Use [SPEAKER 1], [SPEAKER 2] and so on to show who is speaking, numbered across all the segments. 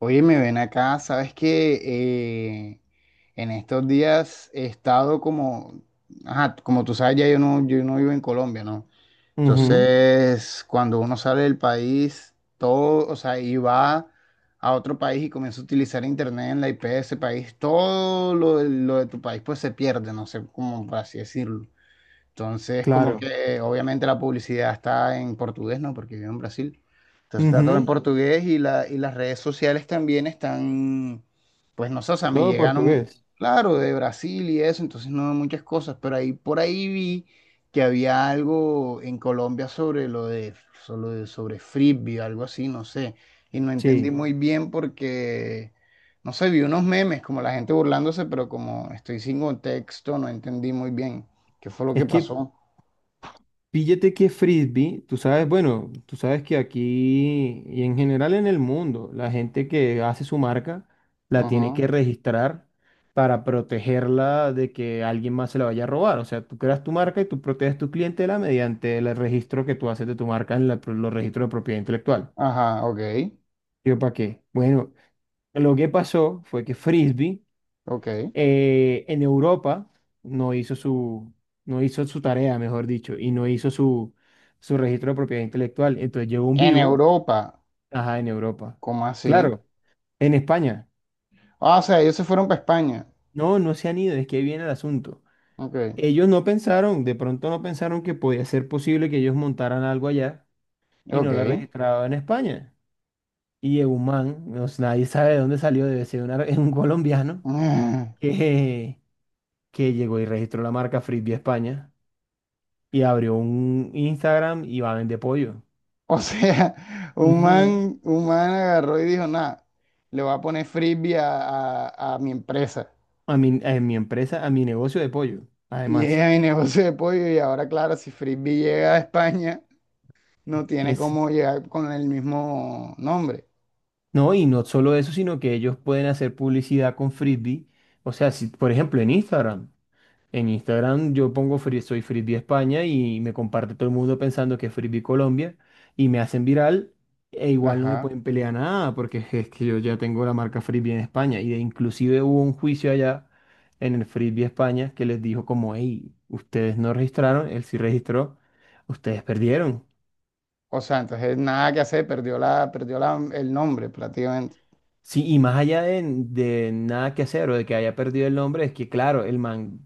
[SPEAKER 1] Oye, me ven acá, sabes que eh, en estos días he estado como, ajá, como tú sabes, ya yo no vivo en Colombia, ¿no? Ujú.
[SPEAKER 2] Ujú,
[SPEAKER 1] Entonces, cuando uno sale del país, todo, o sea, y va a otro país y comienza a utilizar internet en la IP de ese país, todo lo de tu país pues se pierde, no sé cómo por así decirlo. Entonces, como
[SPEAKER 2] claro.
[SPEAKER 1] que obviamente la publicidad está en portugués, ¿no? Porque vivo en Brasil. Entonces está todo en
[SPEAKER 2] Ujú,
[SPEAKER 1] portugués y las redes sociales también están, pues no sé, o sea, me
[SPEAKER 2] todo
[SPEAKER 1] llegaron,
[SPEAKER 2] portugués.
[SPEAKER 1] claro, de Brasil y eso, entonces no muchas cosas, pero ahí por ahí vi que había algo en Colombia sobre lo de, sobre Frisbee, algo así, no sé, y no entendí
[SPEAKER 2] Sí.
[SPEAKER 1] muy bien porque, no sé, vi unos memes, como la gente burlándose, pero como estoy sin contexto, no entendí muy bien. ¿Qué fue lo que
[SPEAKER 2] Es que
[SPEAKER 1] pasó?
[SPEAKER 2] píllate que frisbee, tú sabes, bueno, tú sabes que aquí y en general en el mundo, la gente que hace su marca la tiene
[SPEAKER 1] Ajá,
[SPEAKER 2] que registrar para protegerla de que alguien más se la vaya a robar. O sea, tú creas tu marca y tú proteges tu clientela mediante el registro que tú haces de tu marca en los registros de propiedad intelectual.
[SPEAKER 1] ajá, ok,
[SPEAKER 2] ¿Yo para qué? Bueno, lo que pasó fue que frisbee.
[SPEAKER 1] ok.
[SPEAKER 2] En Europa no hizo su, no hizo su tarea, mejor dicho, y no hizo su, su registro de propiedad intelectual. Entonces llegó un
[SPEAKER 1] En
[SPEAKER 2] vivo,
[SPEAKER 1] Europa,
[SPEAKER 2] ajá, en Europa.
[SPEAKER 1] ¿cómo así?
[SPEAKER 2] Claro, en España.
[SPEAKER 1] Ah, o sea, ellos se fueron para España.
[SPEAKER 2] No, no se han ido, es que ahí viene el asunto.
[SPEAKER 1] Ok,
[SPEAKER 2] Ellos no pensaron, de pronto no pensaron que podía ser posible que ellos montaran algo allá y no la
[SPEAKER 1] ok.
[SPEAKER 2] registraban en España. Y llegó un man, nadie sabe de dónde salió, debe ser un colombiano, que, que llegó y registró la marca Frisbee España, y abrió un Instagram y va a vender pollo.
[SPEAKER 1] O sea, un
[SPEAKER 2] Ujú.
[SPEAKER 1] man, un man agarró y dijo, nada, le voy a poner frisbee a mi empresa.
[SPEAKER 2] A mi empresa, a mi negocio de pollo,
[SPEAKER 1] Y
[SPEAKER 2] además.
[SPEAKER 1] es mi negocio de pollo y ahora, claro, si frisbee llega a España, no tiene
[SPEAKER 2] Es,
[SPEAKER 1] cómo llegar con el mismo nombre.
[SPEAKER 2] no, y no solo eso, sino que ellos pueden hacer publicidad con Frisbee. O sea, si, por ejemplo, en Instagram. En Instagram yo pongo soy Frisbee España y me comparte todo el mundo pensando que es Frisbee Colombia y me hacen viral e igual no me
[SPEAKER 1] Ajá.
[SPEAKER 2] pueden pelear nada porque es que yo ya tengo la marca Frisbee en España y inclusive hubo un juicio allá en el Frisbee España que les dijo como, hey, ustedes no registraron, él sí registró, ustedes perdieron.
[SPEAKER 1] O sea, entonces nada que hacer, perdió el nombre prácticamente.
[SPEAKER 2] Sí, y más allá de nada que hacer o de que haya perdido el nombre, es que claro, el man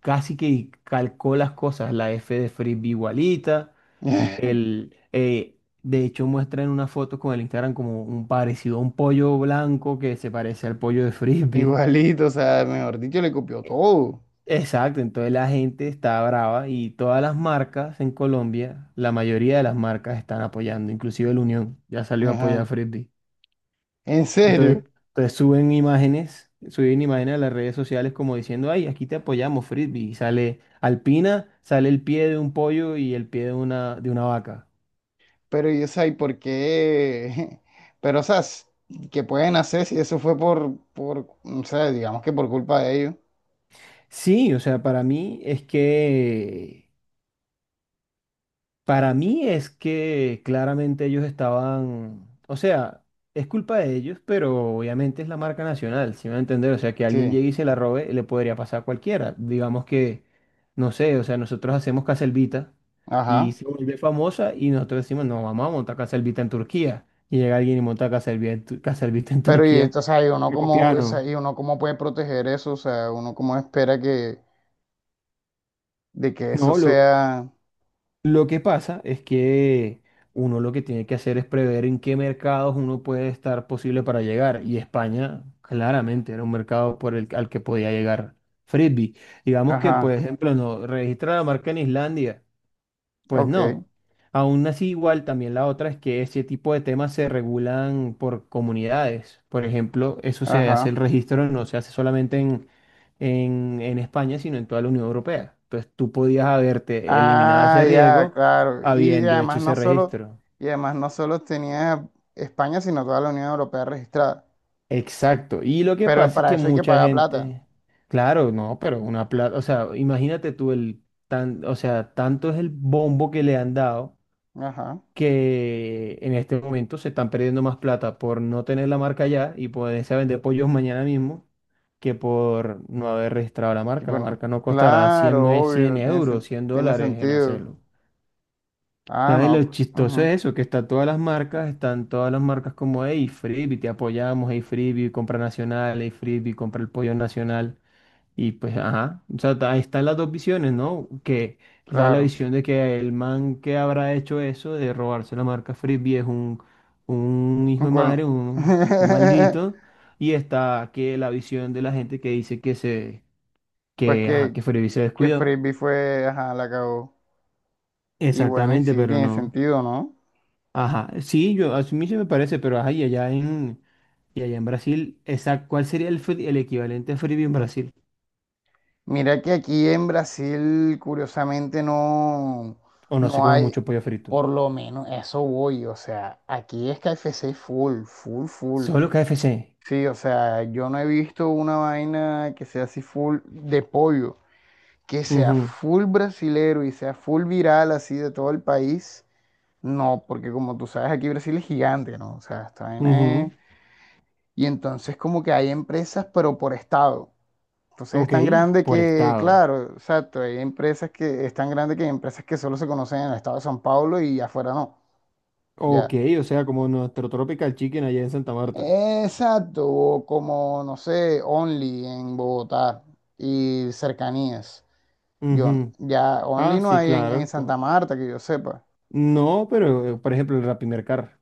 [SPEAKER 2] casi que calcó las cosas, la F de Frisbee igualita. De hecho, muestra en una foto con el Instagram como un parecido a un pollo blanco que se parece al pollo de Frisbee.
[SPEAKER 1] Igualito, o sea, mejor dicho, le copió todo.
[SPEAKER 2] Exacto, entonces la gente está brava y todas las marcas en Colombia, la mayoría de las marcas están apoyando, inclusive el Unión ya salió a apoyar a
[SPEAKER 1] Ajá.
[SPEAKER 2] Frisbee.
[SPEAKER 1] En serio.
[SPEAKER 2] Entonces suben imágenes a las redes sociales como diciendo, ay, aquí te apoyamos, Frisbee. Y sale Alpina, sale el pie de un pollo y el pie de de una vaca.
[SPEAKER 1] Pero yo sé, ¿y por qué? Pero, o sea, ¿qué pueden hacer si eso fue por, o sea, digamos que por culpa de ellos?
[SPEAKER 2] Sí, o sea, para mí es que claramente ellos estaban, o sea, es culpa de ellos, pero obviamente es la marca nacional, si me va a entender, o sea, que alguien
[SPEAKER 1] Sí.
[SPEAKER 2] llegue y se la robe, le podría pasar a cualquiera. Digamos que, no sé, o sea, nosotros hacemos Caselvita y
[SPEAKER 1] Ajá.
[SPEAKER 2] se vuelve famosa y nosotros decimos, no, vamos a montar Caselvita en Turquía. Y llega alguien y monta Caselvita Caselvita en
[SPEAKER 1] Pero, y,
[SPEAKER 2] Turquía.
[SPEAKER 1] esto, o sea, y uno
[SPEAKER 2] Le
[SPEAKER 1] cómo, o sea,
[SPEAKER 2] copiaron.
[SPEAKER 1] y uno cómo puede proteger eso, o sea, uno cómo espera que, de que eso
[SPEAKER 2] No,
[SPEAKER 1] sea.
[SPEAKER 2] lo que pasa es que uno lo que tiene que hacer es prever en qué mercados uno puede estar posible para llegar. Y España claramente era un mercado por al que podía llegar Frisbee. Digamos que, por
[SPEAKER 1] Ajá.
[SPEAKER 2] ejemplo, no registra la marca en Islandia. Pues
[SPEAKER 1] Ok.
[SPEAKER 2] no. Aún así, igual también la otra es que este tipo de temas se regulan por comunidades. Por ejemplo, eso se hace el
[SPEAKER 1] Ajá.
[SPEAKER 2] registro, no se hace solamente en España, sino en toda la Unión Europea. Entonces tú podías haberte eliminado
[SPEAKER 1] Ah,
[SPEAKER 2] ese
[SPEAKER 1] ya,
[SPEAKER 2] riesgo
[SPEAKER 1] claro. Y
[SPEAKER 2] habiendo hecho
[SPEAKER 1] además no
[SPEAKER 2] ese
[SPEAKER 1] solo,
[SPEAKER 2] registro.
[SPEAKER 1] y además no solo tenía España, sino toda la Unión Europea registrada.
[SPEAKER 2] Exacto. Y lo que
[SPEAKER 1] Pero
[SPEAKER 2] pasa es
[SPEAKER 1] para
[SPEAKER 2] que
[SPEAKER 1] eso hay que
[SPEAKER 2] mucha
[SPEAKER 1] pagar plata.
[SPEAKER 2] gente, claro, no, pero una plata, o sea, imagínate tú el tan, o sea, tanto es el bombo que le han dado
[SPEAKER 1] Ajá.
[SPEAKER 2] que en este momento se están perdiendo más plata por no tener la marca ya y poderse vender pollos mañana mismo que por no haber registrado la
[SPEAKER 1] Y
[SPEAKER 2] marca. La
[SPEAKER 1] bueno,
[SPEAKER 2] marca no costará
[SPEAKER 1] claro,
[SPEAKER 2] 100
[SPEAKER 1] obvio,
[SPEAKER 2] euros, 100
[SPEAKER 1] tiene
[SPEAKER 2] dólares en
[SPEAKER 1] sentido.
[SPEAKER 2] hacerlo.
[SPEAKER 1] Ah,
[SPEAKER 2] Entonces lo
[SPEAKER 1] no.
[SPEAKER 2] chistoso
[SPEAKER 1] Ujú,
[SPEAKER 2] es eso, que están todas las marcas como hey Freebie, te apoyamos, hey Freebie, compra nacional, hey Freebie, compra el pollo nacional. Y pues, ajá, o sea, ahí están las dos visiones, ¿no? Que da la
[SPEAKER 1] claro.
[SPEAKER 2] visión de que el man que habrá hecho eso de robarse la marca Frisbee es un hijo
[SPEAKER 1] Un
[SPEAKER 2] de madre,
[SPEAKER 1] colo-
[SPEAKER 2] un maldito. Y está que la visión de la gente que dice
[SPEAKER 1] Pues
[SPEAKER 2] ajá,
[SPEAKER 1] que,
[SPEAKER 2] que Frisbee se
[SPEAKER 1] que
[SPEAKER 2] descuidó.
[SPEAKER 1] Frisbee fue, ajá, la cagó. Y bueno, y sí,
[SPEAKER 2] Exactamente, pero
[SPEAKER 1] tiene
[SPEAKER 2] no.
[SPEAKER 1] sentido, ¿no?
[SPEAKER 2] Ajá, sí, yo, a mí sí me parece, pero ajá, y allá en Brasil, esa, ¿cuál sería el equivalente a Frisbee en Brasil?
[SPEAKER 1] Mira que aquí en Brasil, curiosamente, no,
[SPEAKER 2] O no se
[SPEAKER 1] no
[SPEAKER 2] come
[SPEAKER 1] hay.
[SPEAKER 2] mucho pollo frito.
[SPEAKER 1] Por lo menos eso voy, o sea, aquí es KFC full, full, full.
[SPEAKER 2] Solo KFC.
[SPEAKER 1] Sí, o sea, yo no he visto una vaina que sea así full de pollo, que sea full brasilero y sea full viral así de todo el país. No, porque como tú sabes, aquí Brasil es gigante, ¿no? O sea, esta vaina es-
[SPEAKER 2] Ujú,
[SPEAKER 1] Y entonces como que hay empresas, pero por estado. Entonces es
[SPEAKER 2] ok,
[SPEAKER 1] tan grande
[SPEAKER 2] por
[SPEAKER 1] que,
[SPEAKER 2] estado.
[SPEAKER 1] claro, exacto, hay empresas que es tan grande que hay empresas que solo se conocen en el estado de San Paulo y afuera no.
[SPEAKER 2] Ok,
[SPEAKER 1] Ya.
[SPEAKER 2] o sea, como nuestro Tropical Chicken allá en Santa Marta.
[SPEAKER 1] Exacto, o como no sé, Only en Bogotá y cercanías. Yo,
[SPEAKER 2] Ujú,
[SPEAKER 1] ya Only
[SPEAKER 2] ah,
[SPEAKER 1] no
[SPEAKER 2] sí,
[SPEAKER 1] hay en
[SPEAKER 2] claro.
[SPEAKER 1] Santa Marta, que yo sepa.
[SPEAKER 2] No, pero por ejemplo, el Rapimercar.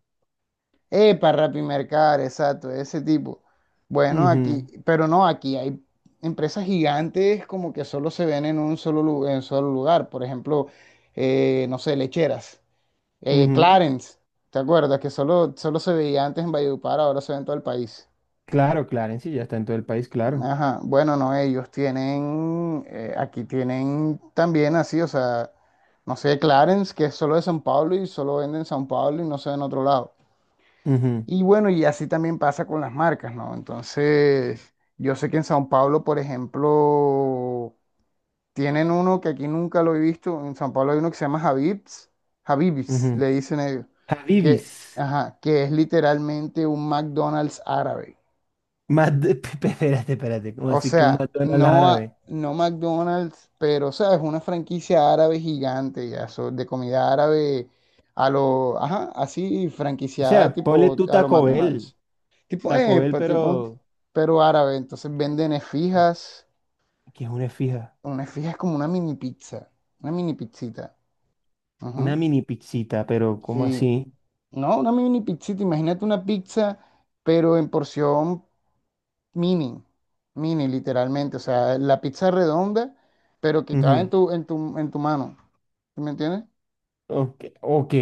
[SPEAKER 1] Epa Rappi Mercar, exacto, ese tipo. Bueno,
[SPEAKER 2] Ujú,
[SPEAKER 1] aquí, pero no, aquí hay empresas gigantes como que solo se ven en en solo lugar. Por ejemplo, no sé, lecheras.
[SPEAKER 2] ujú,
[SPEAKER 1] Clarence, ¿te acuerdas? Que solo se veía antes en Valledupar, ahora se ve en todo el país.
[SPEAKER 2] claro, Clarence, ya está en todo el país, claro.
[SPEAKER 1] Ajá, bueno, no, ellos tienen, aquí tienen también así, o sea, no sé, Clarence, que es solo de San Pablo y solo vende en San Pablo y no se ve en otro lado.
[SPEAKER 2] Ujú,
[SPEAKER 1] Y bueno, y así también pasa con las marcas, ¿no? Entonces, yo sé que en San Pablo, por ejemplo, tienen uno que aquí nunca lo he visto, en San Pablo hay uno que se llama Habib's, Habib's,
[SPEAKER 2] ujú.
[SPEAKER 1] le dicen ellos, que,
[SPEAKER 2] Habibis.
[SPEAKER 1] ajá, que es literalmente un McDonald's árabe.
[SPEAKER 2] Más de- Espérate, espérate. ¿Cómo
[SPEAKER 1] O
[SPEAKER 2] así que un
[SPEAKER 1] sea,
[SPEAKER 2] McDonald's
[SPEAKER 1] no,
[SPEAKER 2] árabe?
[SPEAKER 1] no McDonald's, pero, ¿sabes? Una franquicia árabe gigante, ya, de comida árabe a lo, ajá, así,
[SPEAKER 2] O
[SPEAKER 1] franquiciada
[SPEAKER 2] sea, ponle
[SPEAKER 1] tipo
[SPEAKER 2] tú
[SPEAKER 1] a lo
[SPEAKER 2] Taco Bell.
[SPEAKER 1] McDonald's. Tipo,
[SPEAKER 2] Taco
[SPEAKER 1] eh,
[SPEAKER 2] Bell,
[SPEAKER 1] pa- tipo,
[SPEAKER 2] pero.
[SPEAKER 1] pero árabe. Entonces venden
[SPEAKER 2] eh,
[SPEAKER 1] esfijas.
[SPEAKER 2] ¿Que es una fija?
[SPEAKER 1] Una esfija es como una mini pizza, una mini pizzita.
[SPEAKER 2] Una
[SPEAKER 1] Ujú.
[SPEAKER 2] mini pizzita, pero ¿cómo
[SPEAKER 1] Sí,
[SPEAKER 2] así?
[SPEAKER 1] no, una mini pizzita. Imagínate una pizza, pero en porción, mini, mini literalmente, o sea, la pizza redonda, pero que cabe en tu mano, ¿sí me entiendes?
[SPEAKER 2] Ok, ok.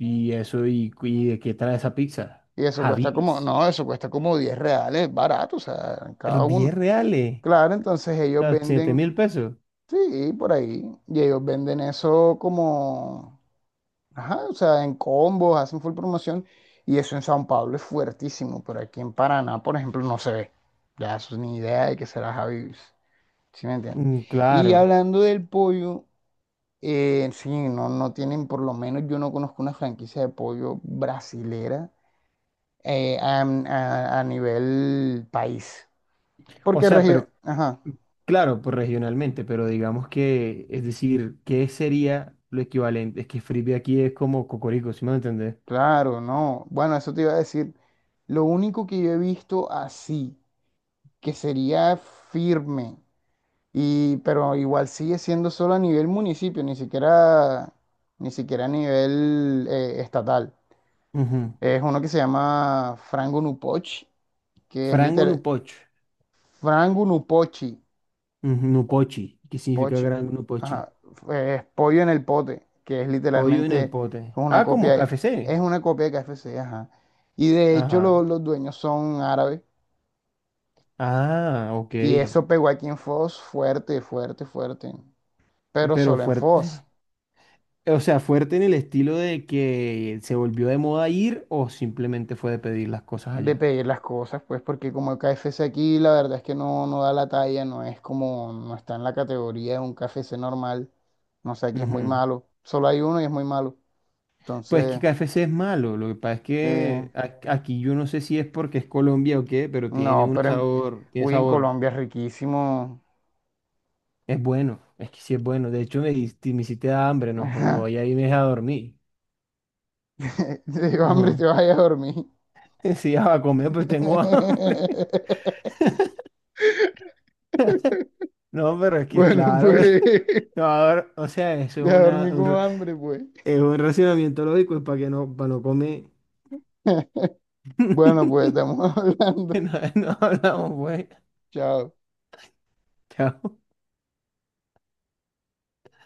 [SPEAKER 2] ¿Y eso? Y de qué trae esa pizza?
[SPEAKER 1] Y eso cuesta como,
[SPEAKER 2] Habibis.
[SPEAKER 1] no, eso cuesta como 10 reales, barato, o sea, cada
[SPEAKER 2] Diez
[SPEAKER 1] uno.
[SPEAKER 2] reales.
[SPEAKER 1] Claro, entonces
[SPEAKER 2] O
[SPEAKER 1] ellos
[SPEAKER 2] sea, siete
[SPEAKER 1] venden,
[SPEAKER 2] mil pesos.
[SPEAKER 1] sí, por ahí, y ellos venden eso como, ajá, o sea, en combos, hacen full promoción, y eso en San Pablo es fuertísimo, pero aquí en Paraná, por ejemplo, no se ve. Ya, eso ni idea de que será Javi, ¿sí me entiendes?
[SPEAKER 2] Mm,
[SPEAKER 1] Y
[SPEAKER 2] claro.
[SPEAKER 1] hablando del pollo, sí, no, no tienen, por lo menos yo no conozco una franquicia de pollo brasilera a nivel país.
[SPEAKER 2] O
[SPEAKER 1] Porque,
[SPEAKER 2] sea, pero,
[SPEAKER 1] ajá,
[SPEAKER 2] claro, pues regionalmente, pero digamos que, es decir, ¿qué sería lo equivalente? Es que frisbee aquí es como cocorico, ¿sí me va a entender?
[SPEAKER 1] claro, no. Bueno, eso te iba a decir. Lo único que yo he visto así, que sería firme, y, pero igual sigue siendo solo a nivel municipio, ni siquiera a nivel estatal.
[SPEAKER 2] Ujú.
[SPEAKER 1] Es uno que se llama Frango Nupochi, que es
[SPEAKER 2] Frango
[SPEAKER 1] literal,
[SPEAKER 2] nupoch.
[SPEAKER 1] Frango Nupochi
[SPEAKER 2] Ujú, Nupochi. ¿Qué significa
[SPEAKER 1] Poch,
[SPEAKER 2] gran nupochi?
[SPEAKER 1] ajá. Pollo en el pote, que es
[SPEAKER 2] Pollo en el
[SPEAKER 1] literalmente
[SPEAKER 2] pote.
[SPEAKER 1] una
[SPEAKER 2] Ah, como
[SPEAKER 1] copia,
[SPEAKER 2] K F C.
[SPEAKER 1] una copia de KFC, ajá. Y de hecho
[SPEAKER 2] Ajá.
[SPEAKER 1] los dueños son árabes.
[SPEAKER 2] Ah, ok.
[SPEAKER 1] Y eso pegó aquí en Foz fuerte, fuerte, fuerte. Pero
[SPEAKER 2] Pero
[SPEAKER 1] solo en Foz,
[SPEAKER 2] fuerte. O sea, fuerte en el estilo de que se volvió de moda ir o simplemente fue de pedir las cosas
[SPEAKER 1] de
[SPEAKER 2] allá.
[SPEAKER 1] pedir las cosas, pues, porque como el KFC aquí, la verdad es que no, no da la talla, no es como, no está en la categoría de un KFC normal. No sé, aquí es muy
[SPEAKER 2] Ujú.
[SPEAKER 1] malo. Solo hay uno y es muy malo.
[SPEAKER 2] Pues que
[SPEAKER 1] Entonces,
[SPEAKER 2] KFC es malo, lo que pasa es
[SPEAKER 1] sí.
[SPEAKER 2] que aquí yo no sé si es porque es Colombia o qué, pero tiene
[SPEAKER 1] No,
[SPEAKER 2] un
[SPEAKER 1] pero en,
[SPEAKER 2] sabor, tiene
[SPEAKER 1] uy, en
[SPEAKER 2] sabor,
[SPEAKER 1] Colombia es riquísimo.
[SPEAKER 2] es bueno, es que sí es bueno, de hecho me hiciste dar hambre, no, joda,
[SPEAKER 1] Ajá.
[SPEAKER 2] voy a irme a dormir.
[SPEAKER 1] Te digo, hambre,
[SPEAKER 2] Ujú.
[SPEAKER 1] te vaya a dormir.
[SPEAKER 2] Sí, ya a comer, pues tengo hambre. No, pero es que
[SPEAKER 1] Bueno,
[SPEAKER 2] claro,
[SPEAKER 1] pues,
[SPEAKER 2] no, ahora, o sea, eso es
[SPEAKER 1] voy a dormir con hambre, pues.
[SPEAKER 2] es un racionamiento lógico, es para que no, para no comer.
[SPEAKER 1] Bueno, pues, estamos hablando.
[SPEAKER 2] No, no hablamos, güey.
[SPEAKER 1] Chao.
[SPEAKER 2] Chao.